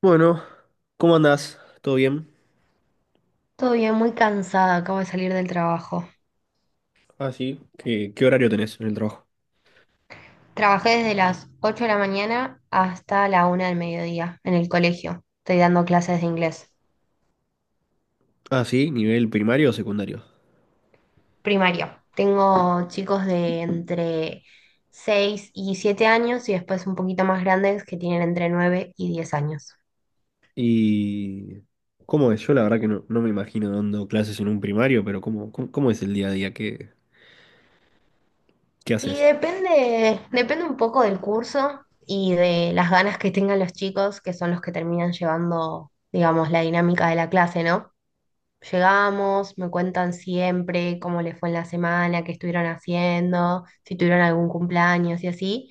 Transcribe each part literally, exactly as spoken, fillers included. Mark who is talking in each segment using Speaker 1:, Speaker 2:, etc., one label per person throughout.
Speaker 1: Bueno, ¿cómo andás? ¿Todo bien?
Speaker 2: Todo bien, muy cansada, acabo de salir del trabajo.
Speaker 1: Ah, sí. ¿Qué, qué horario tenés en el trabajo?
Speaker 2: Trabajé desde las ocho de la mañana hasta la una del mediodía en el colegio. Estoy dando clases de inglés
Speaker 1: Ah, sí, ¿nivel primario o secundario?
Speaker 2: primario. Tengo chicos de entre seis y siete años y después un poquito más grandes que tienen entre nueve y diez años.
Speaker 1: Y... ¿Cómo es? Yo la verdad que no, no me imagino dando clases en un primario, pero ¿cómo, cómo, cómo es el día a día? ¿Qué, qué
Speaker 2: Y
Speaker 1: haces?
Speaker 2: depende, depende un poco del curso y de las ganas que tengan los chicos, que son los que terminan llevando, digamos, la dinámica de la clase, ¿no? Llegamos, me cuentan siempre cómo les fue en la semana, qué estuvieron haciendo, si tuvieron algún cumpleaños y así.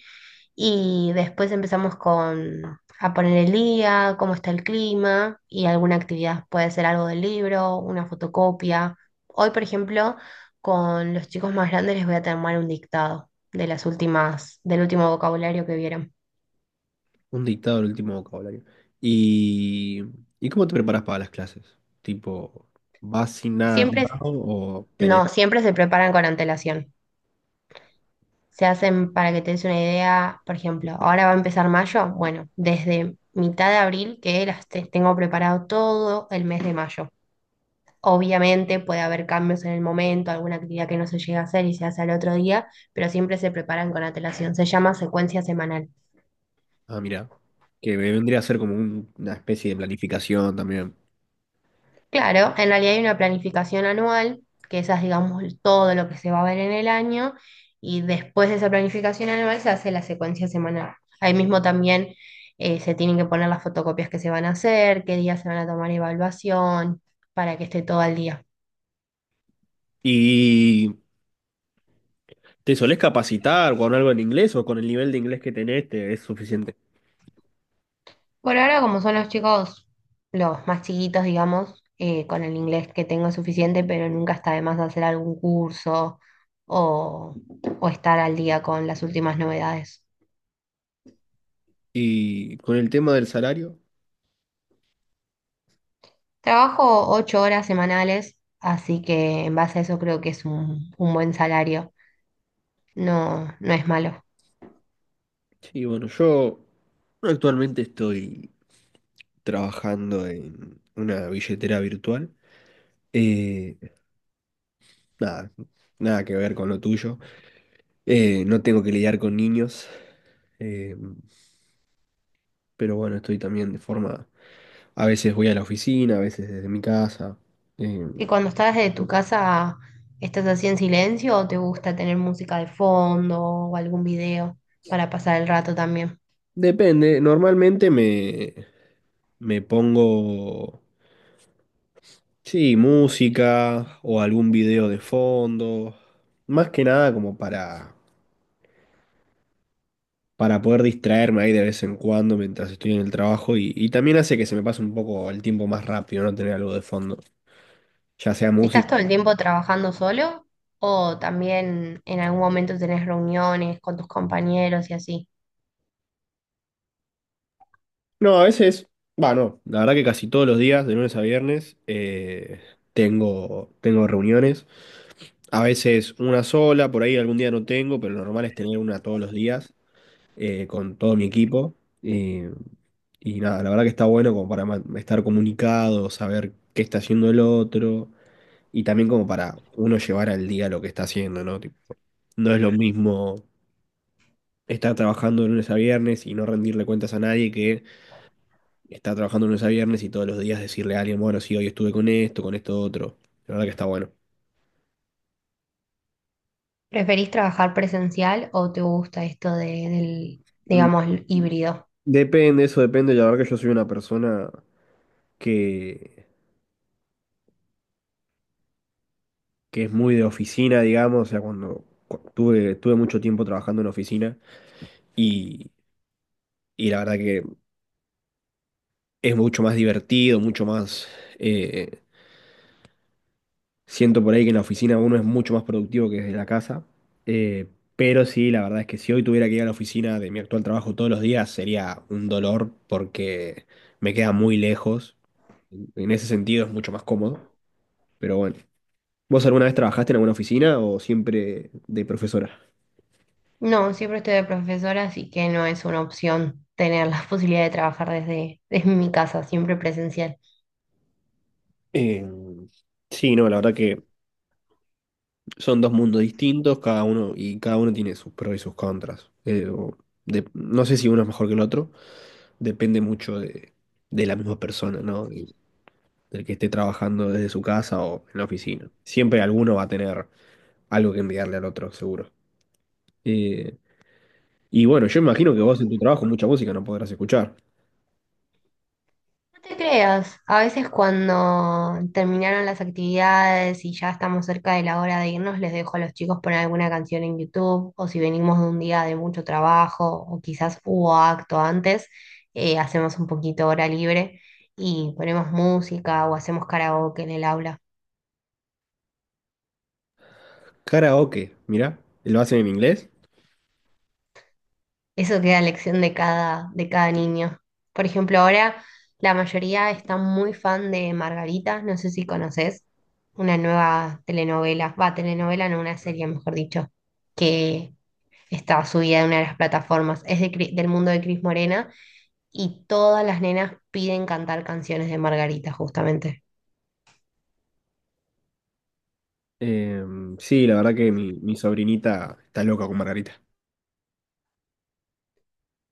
Speaker 2: Y después empezamos con a poner el día, cómo está el clima y alguna actividad. Puede ser algo del libro, una fotocopia. Hoy, por ejemplo, con los chicos más grandes les voy a tomar un dictado de las últimas, del último vocabulario que vieron.
Speaker 1: Un dictado del último vocabulario. ¿Y, y cómo te preparas para las clases? Tipo, ¿vas sin nada
Speaker 2: Siempre,
Speaker 1: armado o tenés...
Speaker 2: no, siempre se preparan con antelación. Se hacen, para que te des una idea, por ejemplo, ahora va a empezar mayo. Bueno, desde mitad de abril que las te- tengo preparado todo el mes de mayo. Obviamente puede haber cambios en el momento, alguna actividad que no se llega a hacer y se hace al otro día, pero siempre se preparan con antelación. Se llama secuencia semanal.
Speaker 1: Ah, mira, que vendría a ser como un- una especie de planificación también.
Speaker 2: Claro, en realidad hay una planificación anual, que esa es, digamos, todo lo que se va a ver en el año, y después de esa planificación anual se hace la secuencia semanal. Ahí mismo también eh, se tienen que poner las fotocopias que se van a hacer, qué días se van a tomar evaluación, para que esté todo al día.
Speaker 1: Y... ¿Te solés capacitar con algo en inglés o con el nivel de inglés que tenés te es suficiente?
Speaker 2: Por ahora, como son los chicos los más chiquitos, digamos, eh, con el inglés que tengo es suficiente, pero nunca está de más hacer algún curso o, o estar al día con las últimas novedades.
Speaker 1: Y con el tema del salario,
Speaker 2: Trabajo ocho horas semanales, así que en base a eso creo que es un, un buen salario. No, no es malo.
Speaker 1: sí, bueno, yo actualmente estoy trabajando en una billetera virtual. Eh, nada, nada que ver con lo tuyo. Eh, no tengo que lidiar con niños, eh, pero bueno, estoy también de forma... A veces voy a la oficina, a veces desde mi casa. eh,
Speaker 2: ¿Y cuando estás desde tu casa, estás así en silencio o te gusta tener música de fondo o algún video para pasar el rato también?
Speaker 1: depende, normalmente me, me pongo... Sí, música o algún video de fondo. Más que nada como para, para poder distraerme ahí de vez en cuando mientras estoy en el trabajo y, y también hace que se me pase un poco el tiempo más rápido, no tener algo de fondo, ya sea
Speaker 2: ¿Estás
Speaker 1: música.
Speaker 2: todo el tiempo trabajando solo o también en algún momento tenés reuniones con tus compañeros y así?
Speaker 1: No, a veces, va no la verdad que casi todos los días, de lunes a viernes, eh, tengo, tengo reuniones. A veces una sola, por ahí algún día no tengo, pero lo normal es tener una todos los días eh, con todo mi equipo. Eh, Y nada, la verdad que está bueno como para ma- estar comunicado, saber qué está haciendo el otro y también como para uno llevar al día lo que está haciendo, ¿no? Tipo, no es lo mismo estar trabajando de lunes a viernes y no rendirle cuentas a nadie que estar trabajando de lunes a viernes y todos los días decirle a alguien, bueno, sí, hoy estuve con esto, con esto otro. La verdad que está bueno.
Speaker 2: ¿Preferís trabajar presencial o te gusta esto de- del,
Speaker 1: Mm,
Speaker 2: digamos, híbrido?
Speaker 1: depende, eso depende. La verdad que yo soy una persona que, que es muy de oficina, digamos, o sea, cuando cu- tuve, tuve mucho tiempo trabajando en oficina y... Y la verdad que es mucho más divertido, mucho más... eh, siento por ahí que en la oficina uno es mucho más productivo que desde la casa. eh, pero sí, la verdad es que si hoy tuviera que ir a la oficina de mi actual trabajo todos los días sería un dolor porque me queda muy lejos. En ese sentido es mucho más cómodo. Pero bueno, ¿vos alguna vez trabajaste en alguna oficina o siempre de profesora?
Speaker 2: No, siempre estoy de profesora, así que no es una opción tener la posibilidad de trabajar desde, desde mi casa, siempre presencial.
Speaker 1: Eh, sí, no, la verdad que son dos mundos distintos, cada uno y cada uno tiene sus pros y sus contras. Eh, o de- no sé si uno es mejor que el otro, depende mucho de, de la misma persona, ¿no? Del, del que esté trabajando desde su casa o en la oficina. Siempre alguno va a tener algo que enviarle al otro, seguro. Eh, y bueno, yo imagino que vos en tu trabajo mucha música no podrás escuchar.
Speaker 2: No te creas, a veces cuando terminaron las actividades y ya estamos cerca de la hora de irnos, les dejo a los chicos poner alguna canción en YouTube o si venimos de un día de mucho trabajo o quizás hubo acto antes, eh, hacemos un poquito hora libre y ponemos música o hacemos karaoke en el aula.
Speaker 1: Karaoke, mirá, lo hacen en inglés.
Speaker 2: Eso queda a elección de cada, de cada niño. Por ejemplo, ahora la mayoría está muy fan de Margarita, no sé si conoces, una nueva telenovela, va, telenovela, no, una serie, mejor dicho, que está subida en una de las plataformas. Es de Cri- del mundo de Cris Morena y todas las nenas piden cantar canciones de Margarita, justamente.
Speaker 1: Eh, sí, la verdad que mi, mi sobrinita está loca con Margarita.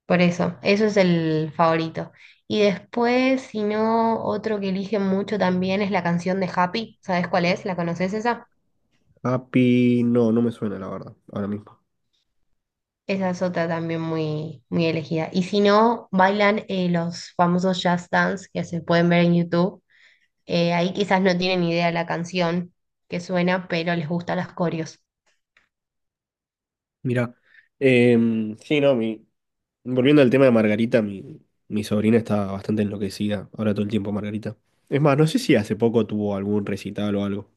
Speaker 2: Por eso, eso es el favorito. Y después, si no, otro que eligen mucho también es la canción de Happy. ¿Sabes cuál es? ¿La conoces esa?
Speaker 1: Happy, no, no me suena la verdad, ahora mismo.
Speaker 2: Esa es otra también muy, muy elegida. Y si no, bailan eh, los famosos Just Dance que se pueden ver en YouTube. Eh, ahí quizás no tienen idea de la canción que suena, pero les gustan las coreos.
Speaker 1: Mirá. Eh, sí, no, mi, Volviendo al tema de Margarita, mi, mi sobrina está bastante enloquecida ahora todo el tiempo, Margarita. Es más, no sé si hace poco tuvo algún recital o algo.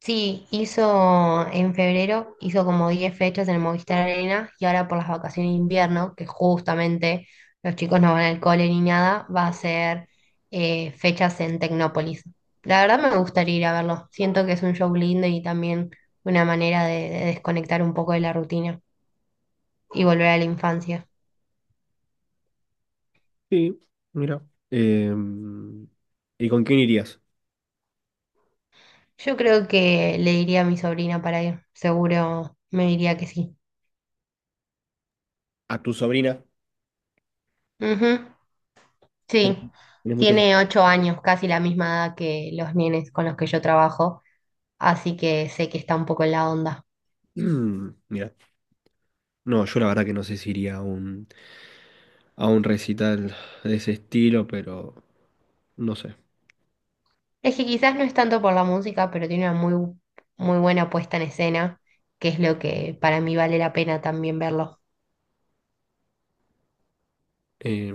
Speaker 2: Sí, hizo en febrero, hizo como diez fechas en el Movistar Arena y ahora por las vacaciones de invierno, que justamente los chicos no van al cole ni nada, va a ser eh, fechas en Tecnópolis. La verdad me gustaría ir a verlo. Siento que es un show lindo y también una manera de, de desconectar un poco de la rutina y volver a la infancia.
Speaker 1: Sí, mira. Eh, ¿y con quién irías?
Speaker 2: Yo creo que le diría a mi sobrina para ir, seguro me diría que sí.
Speaker 1: ¿A tu sobrina?
Speaker 2: Ujú. Sí,
Speaker 1: Tenés tenés muchos...
Speaker 2: tiene ocho años, casi la misma edad que los nenes con los que yo trabajo, así que sé que está un poco en la onda.
Speaker 1: Mm, mira. No, yo la verdad que no sé si iría a un, a un recital de ese estilo, pero no sé.
Speaker 2: Es que quizás no es tanto por la música, pero tiene una muy, muy buena puesta en escena, que es lo que para mí vale la pena también verlo.
Speaker 1: Eh,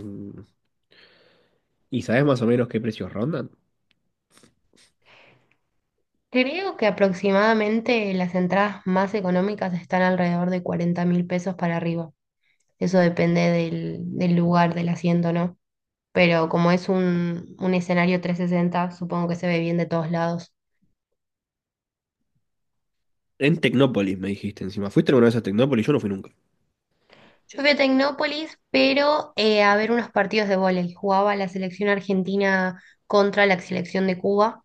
Speaker 1: ¿y sabes más o menos qué precios rondan?
Speaker 2: Creo que aproximadamente las entradas más económicas están alrededor de cuarenta mil pesos para arriba. Eso depende del, del lugar, del asiento, ¿no? Pero como es un, un escenario trescientos sesenta, supongo que se ve bien de todos lados.
Speaker 1: En Tecnópolis, me dijiste encima. ¿Fuiste alguna vez a Tecnópolis? Yo no fui nunca.
Speaker 2: Yo fui a Tecnópolis, pero eh, a ver unos partidos de vóley. Jugaba la selección argentina contra la selección de Cuba,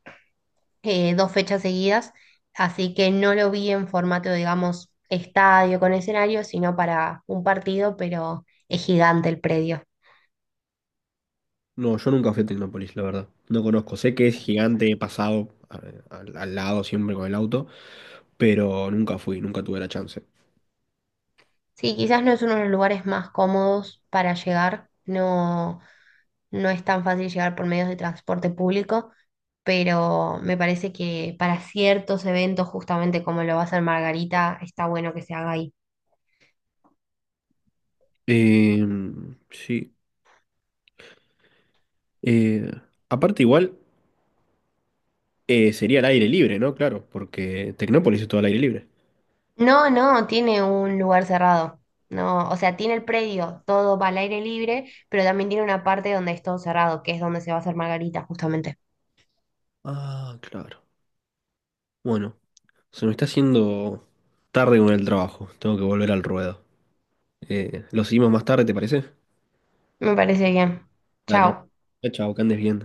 Speaker 2: eh, dos fechas seguidas, así que no lo vi en formato, digamos, estadio con escenario, sino para un partido, pero es gigante el predio.
Speaker 1: No, yo nunca fui a Tecnópolis, la verdad. No conozco. Sé que es gigante, he pasado eh, al, al lado siempre con el auto, pero nunca fui, nunca tuve la chance.
Speaker 2: Sí, quizás no es uno de los lugares más cómodos para llegar, no, no es tan fácil llegar por medios de transporte público, pero me parece que para ciertos eventos, justamente como lo va a hacer Margarita, está bueno que se haga ahí.
Speaker 1: Eh, sí. Eh, aparte, igual eh, sería al aire libre, ¿no? Claro, porque Tecnópolis es todo al aire libre.
Speaker 2: No, no, tiene un lugar cerrado. No, o sea, tiene el predio, todo va al aire libre, pero también tiene una parte donde es todo cerrado, que es donde se va a hacer Margarita, justamente.
Speaker 1: Ah, claro. Bueno, se me está haciendo tarde con el trabajo. Tengo que volver al ruedo. Eh, lo seguimos más tarde, ¿te parece?
Speaker 2: Me parece bien.
Speaker 1: Dale.
Speaker 2: Chao.
Speaker 1: Chao, chao, que andes bien.